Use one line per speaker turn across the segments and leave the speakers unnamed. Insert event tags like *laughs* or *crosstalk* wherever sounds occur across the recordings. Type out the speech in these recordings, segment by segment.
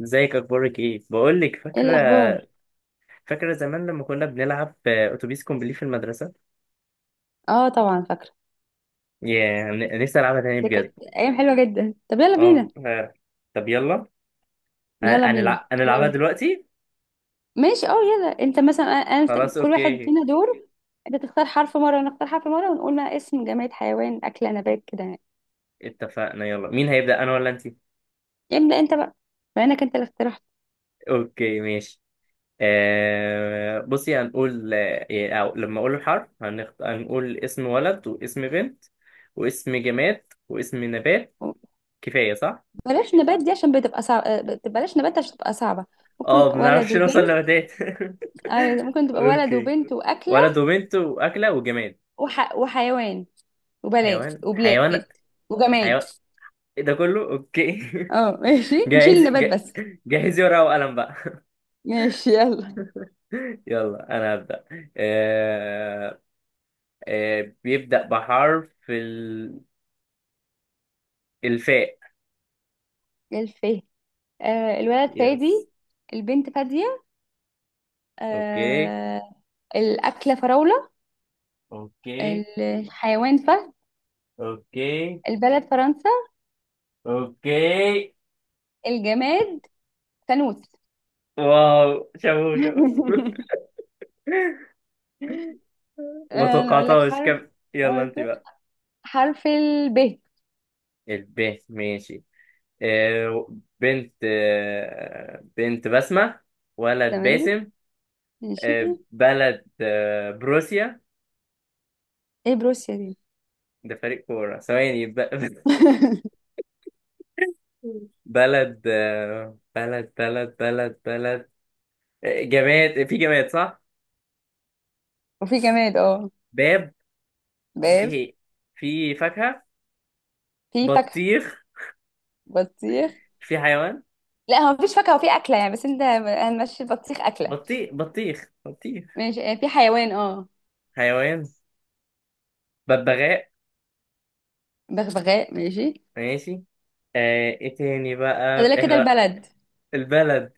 ازيك، اخبارك ايه؟ بقول لك،
ايه
فاكره
الاخبار؟
فاكره زمان لما كنا بنلعب اتوبيس كومبلي في المدرسه.
اه، طبعا فاكره.
يا نفسي العبها تاني
ده كانت
بجد.
ايام حلوه جدا، طب يلا بينا.
اه، فعلا. طب يلا. ه-
يلا بينا.
هنلعبها
آه،
دلوقتي.
ماشي، اه، يلا انت مثلا
خلاص،
كل واحد
اوكي.
فينا دور. انت تختار حرف مره وانا اختار حرف مره، ونقول ما اسم جماد، حيوان، اكله، نبات، كده يعني.
اتفقنا، يلا مين هيبدا، انا ولا انت؟
ابدا انت بقى، بما انك انت اللي اقترحت.
اوكي، ماشي. بصي، هنقول آه، إيه، أو لما اقول الحرف هنقول اسم ولد واسم بنت واسم جماد واسم نبات، كفايه صح؟
بلاش نبات دي عشان بتبقى صعبه، بلاش نبات عشان بتبقى صعبه.
اه،
ممكن
ما
ولد
بنعرفش نوصل
وبنت.
لنباتات. *laughs*
ايوه، ممكن تبقى ولد
اوكي.
وبنت واكله.
ولد وبنت واكله وجماد.
وحيوان، وبلد
حيوان،
وبلاد،
حيوان،
وجماد.
حيوان. إيه ده كله؟ اوكي. *laughs*
اه، ماشي، نشيل
جاهز.
النبات بس.
جهزي ورقه وقلم بقى.
ماشي، يلا.
*laughs* يلا، انا هبدا. آه... بيبدا بحرف الفاء.
للفه. الولد
يس.
فادي. البنت فادية.
اوكي،
آه. الأكلة فراولة.
اوكي،
الحيوان فهد.
اوكي،
البلد فرنسا.
اوكي.
الجماد فانوس. *laughs*
واو، شابو شابو. *laughs* ما
أنا أقول لك
توقعتهاش
حرف.
كم. يلا
آه،
انت بقى.
حرف الب.
الب، ماشي. آه، بنت بسمة. ولد
تمام.
باسم.
ماشي.
بلد بروسيا.
ايه بروسيا دي؟
ده فريق كورة، ثواني. *laughs*
*laughs*
بلد آه، بلد بلد بلد بلد. جماد، في جماد صح؟
وفي جماد، اه.
باب. في
باب.
إيه؟ في فاكهة.
في فاكهة.
بطيخ.
بطيخ.
في حيوان.
لا، هو مفيش فاكهة وفي أكلة يعني، بس انت هنمشي البطيخ أكلة.
بطيخ، بطيخ، بطيخ.
ماشي، في حيوان، اه.
حيوان. ببغاء.
بغبغاء، ماشي.
ماشي. ايه تاني
فاضل
بقى
لك كده
احنا؟
البلد.
البلد.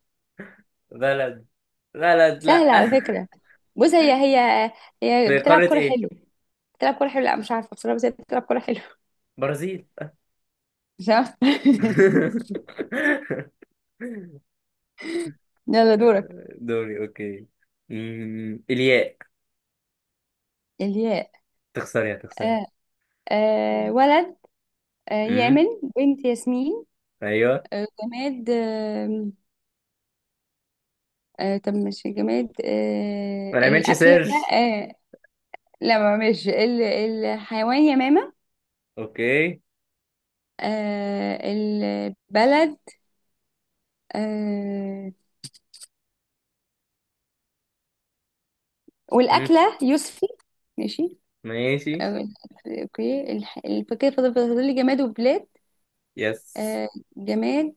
بلد بلد، لا.
سهلة على
*laughs*
فكرة. بص، هي
في
بتلعب
قارة
كورة
ايه؟
حلو. بتلعب كورة حلو، لا مش عارفة بصراحة، بس هي بتلعب كورة حلو. *laughs*
برازيل.
مش عارفة.
*laughs*
*laughs* يلا، دورك.
دوري، اوكي. الياء.
الياء.
تخسري، هتخسري.
آه ولد.
امم.
يامن. بنت ياسمين.
ايوه.
جماد، آه. طب، مش جماد،
ما نعملش
الأكلة.
سيرش.
آه. لا، ما مش الحيوان يمامة.
اوكي.
البلد. آه.
أمم،
والأكلة يوسفي. ماشي.
ماشي.
اوكي، الفاكهة، فاضل لي جماد وبلاد.
يس.
آه جماد.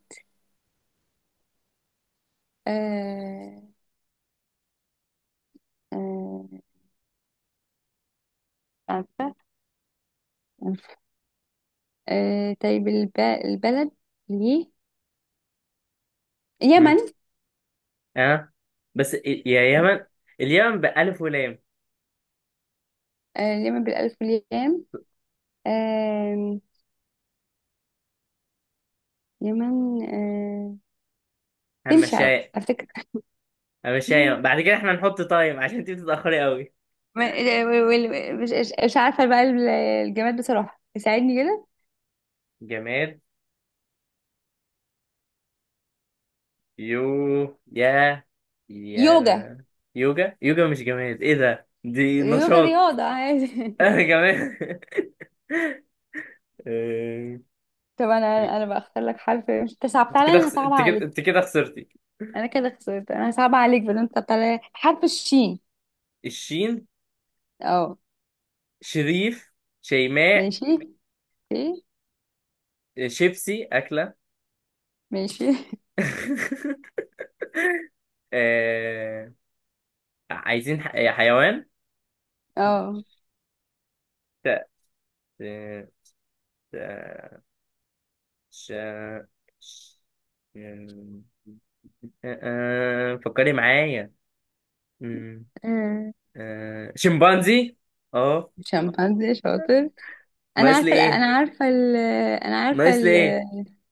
آه آه عارفة. طيب، البلد. ليه؟ يمن.
أمم، اه. بس يا يمن، اليمن بألف ولام.
اليمن بالألف واليام. آه. يمن، آه. تمشي على
همشاية.
فكرة.
همشاية
*laughs*
بعد كده احنا نحط تايم عشان انت بتتأخري قوي.
ما- مش عارفة بقى. الجماد بصراحة ساعدني كده.
جماد. يو يا
يوجا.
يا يوجا. يوجا مش جماد، ايه ده، دي
يوجا
نشاط.
رياضة عادي.
انا
*laughs*
جماد. *laughs* آه،
طب، أنا بختار لك حرف، مش تصعب،
انت
تعالى
كده
أنا
خس...
هصعب
انت كده
عليك.
انت كده خسرتي.
انا كده خسرت، انا صعب عليك، بل انت طلع حرف الشين.
الشين.
اه،
شريف. شيماء.
ماشي. اوكي.
شيبسي اكله.
ماشي. *laughs*
*laughs* آه، عايزين حيوان.
اه.
ت... ت... ت... ش... ش... آه، آه، فكري معايا.
آه،
شمبانزي، اه.
شمبانزي شاطر. انا
ناقص
عارفه
لي
ال-
ايه؟
انا عارفه ال... انا عارفه
ناقص لي
ال...
ايه؟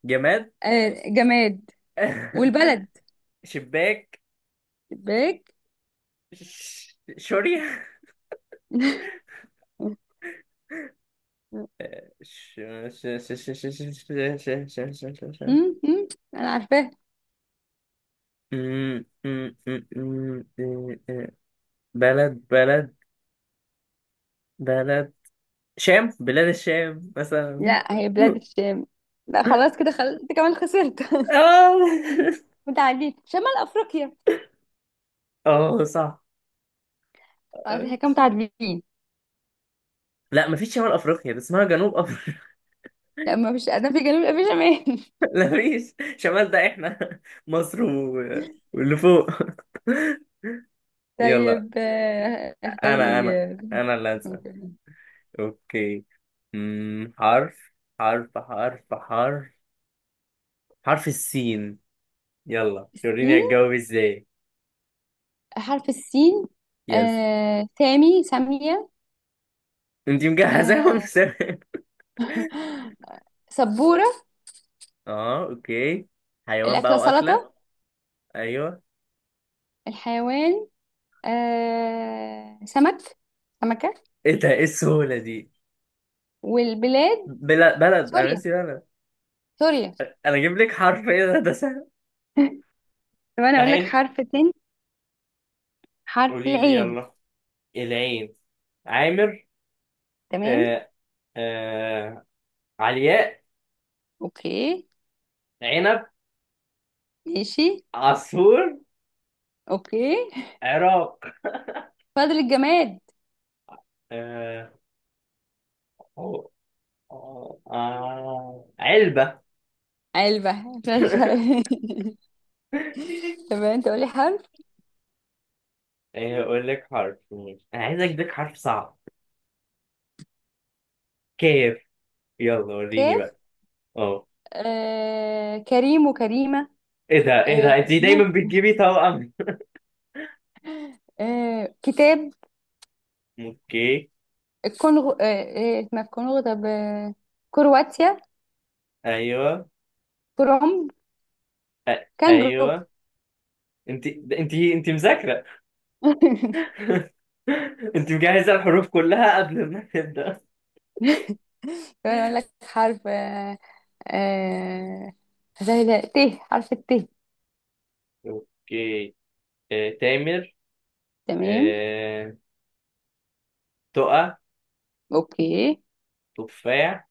جماد.
جماد. والبلد.
*laughs* شباك.
باك.
شوري. ش... ش... ش... ش... ش... ش... ش... ش... ش... ش... ش...
مم، مم، انا عارفاها.
م- م- م- م- م- م- بلد بلد. بلد. شام، بلاد الشام مثلا.
لا، هي بلاد
*laughs*
الشام. لا، خلاص كده، خلاص انت كمان خسرت. *laughs*
اه.
متعادلين، شمال افريقيا.
*laughs* اه، صح.
خلاص، احنا كده متعادلين.
لا، مفيش شمال افريقيا، ده اسمها جنوب.
لا، ما فيش، ادنى في جنوب، لا في شمال.
لا، مفيش شمال، ده احنا مصر و... واللي فوق. يلا.
طيب، اختار
انا انا
لي. آه،
انا اللي هسأل. اوكي. أمم، حرف حرف حرف حرف حرف السين. يلا،
السين.
وريني هتجاوب ازاي.
حرف السين.
يس.
سامي سامية.
انت مجهزاهم.
آه،
*laughs*
سبورة.
اه، اوكي. حيوان
الأكلة
بقى واكله.
سلطة.
ايوه.
الحيوان، سمك. سمكة.
ايه ده، ايه السهوله دي؟
والبلاد
بلد، انا
سوريا،
ناسي بلد.
سوريا.
انا اجيب لك حرف، ايه ده سهل.
طب أنا أقول لك
العين.
حرف تاني. حرف
قولي لي،
العين.
يلا. العين. عامر.
تمام.
آه آه علياء.
أوكي.
عنب.
ماشي.
عصفور.
أوكي.
عراق.
فاضل الجماد.
آه آه علبة.
علبة. *laughs*
*laughs*
طب، أنت قولي حرف.
أقول لك حرف، ماشي. أنا عايز أديك حرف صعب. كيف. يلا، وريني
كاف.
بقى. أه.
كريم وكريمة.
إيه ده، إيه
آه.
ده، أنت دايما
*laughs*
بتجيبي توأم.
كتاب.
*laughs* أوكي.
الكونغو، ما في كونغو، طب، آه. كرواتيا.
أيوه.
كروم. كانجرو.
أيوه. أنت مذاكرة.
*laughs*
*laughs* أنت مجهزة الحروف كلها قبل ما تبدأ.
كمان اقول لك حرف. آه زي ده ت، حرف الت.
اوكي. تامر.
تمام.
آه، تقى.
اوكي.
تفاح.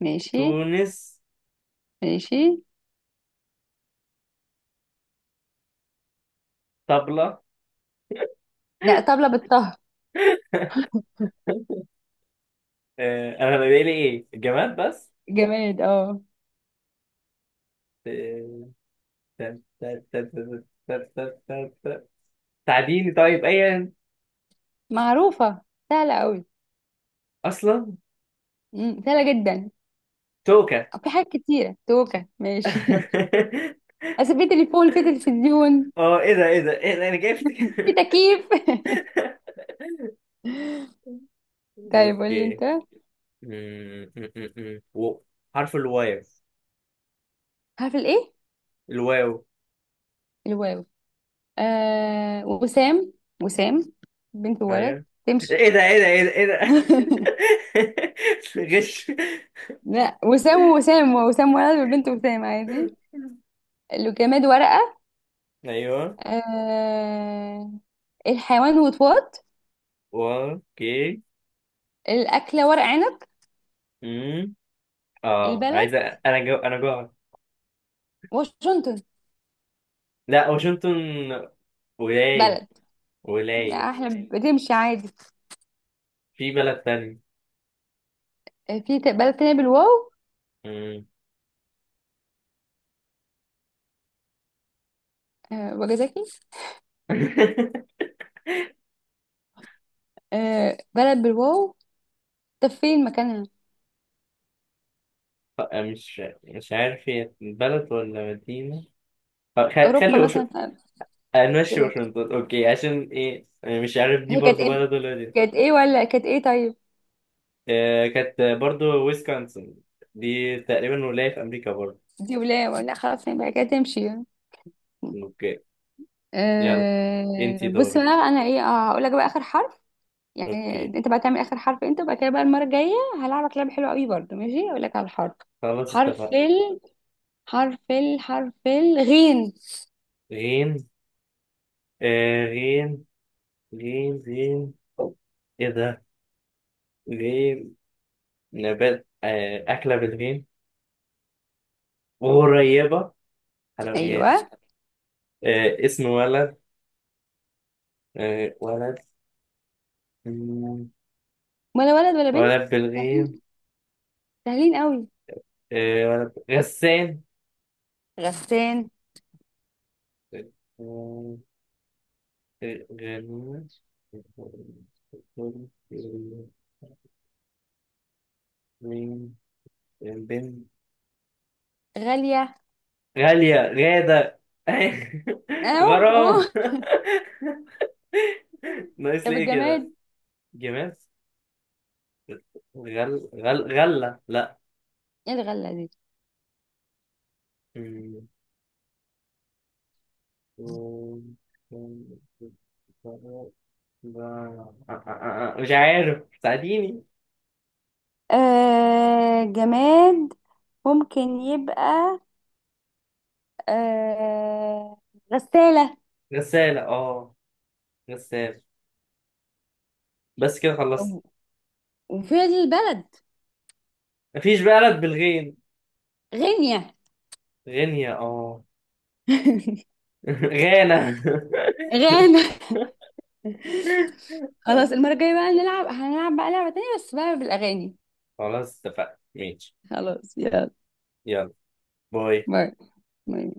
ماشي.
تونس.
ماشي.
طبلة.
لا، طبلة بالطه.
أنا بقى لي إيه، الجماد بس.
جماد، اه.
آه، تا- تا- تا- تا- تا- تا- تا- تا- تعديني طيب، أيا
معروفة. سهلة قوي.
أصلا.
سهلة جدا.
توكة.
في حاجات كتيرة، توكة ماشي. *laughs*
*laughs*
بس في تليفون، في تلفزيون.
اه، ايه ده، ايه ده، ايه ده، انا جبت.
في
*laughs*
تكييف. *laughs* طيب، قول لي
اوكي.
انت.
أمم، أمم، أمم. و- حرف الواو.
حرف الايه؟
الواو.
الواو. وسام. وسام. بنت وولد.
ايوه.
تمشي.
ايه ده، ايه ده، ايه ده، ايه ده.
*laughs*
*laughs* غش.
لا، وسام ووسام، وسام ولد والبنت وسام، عادي. لو جماد، ورقة.
ايوه.
آه. الحيوان وطواط.
اوكي.
الأكلة ورق عنب.
امم. اه، عايز
البلد
انا جوع.
واشنطن.
لا واشنطن. ولاية.
بلد. لا،
ولاية.
احنا بتمشي عادي.
في بلد تاني.
في بلد تانية بالواو.
امم.
وجزاكي.
*laughs*
بلد بالواو. طب فين مكانها؟
مش عارف هي بلد ولا مدينة. خلي
أوروبا مثلا.
نمشي
كده.
واشنطن، اوكي. عشان ايه يعني؟ مش عارف دي
هي كانت
برضو
ايه؟
بلد، ولا دي.
كانت ايه ولا كانت ايه؟ طيب.
كانت برضو ويسكونسن. دي تقريبا ولاية في امريكا برضو.
دي ولا خلاص، يبقى كده تمشي.
اوكي. يلا. انتي
أه، بص بقى.
دورك.
انا ايه؟ هقول لك بقى اخر حرف. يعني
اوكي.
انت بقى تعمل اخر حرف انت، وبعد كده بقى المره الجايه. هلعبك لعبه حلوه قوي برضه، ماشي اقول لك على الحرف.
خلاص،
حرف
اتفقنا.
ال حرف الغين.
غين. آه غيم غيم غيم. ايه ده؟ غيم. نبات، أكلة بالغيم. غريبة. حلويات.
ايوه.
اسم ولد. ولد. مم.
ولا ولد ولا بنت؟
ولد بالغيم.
سهلين. سهلين قوي.
ولد غسان.
غسان.
آه، غنوش. غيم. بنت.
غاليه.
غالية، غادة، *laughs*
اهو اهو.
غرام. *laughs* ناقص
طب
ليه كده.
الجماد.
جمال. غل غل غلة، لا.
ايه الغله دي؟
مم. مش عارف، ساعديني.
أه، جماد ممكن يبقى، أه غسالة.
غسالة، اه. غسالة. بس كده خلصت.
و- وفين البلد؟
مفيش بلد بالغين.
غينيا.
غينيا، اه.
*laughs*
*laughs* غانا.
غانا. خلاص،
*laughs*
المرة الجاية بقى هنلعب بقى لعبة تانية، بس بقى بالأغاني.
خلاص، اتفقنا ماشي.
خلاص، يلا.
يلا. باي.
باي. باي.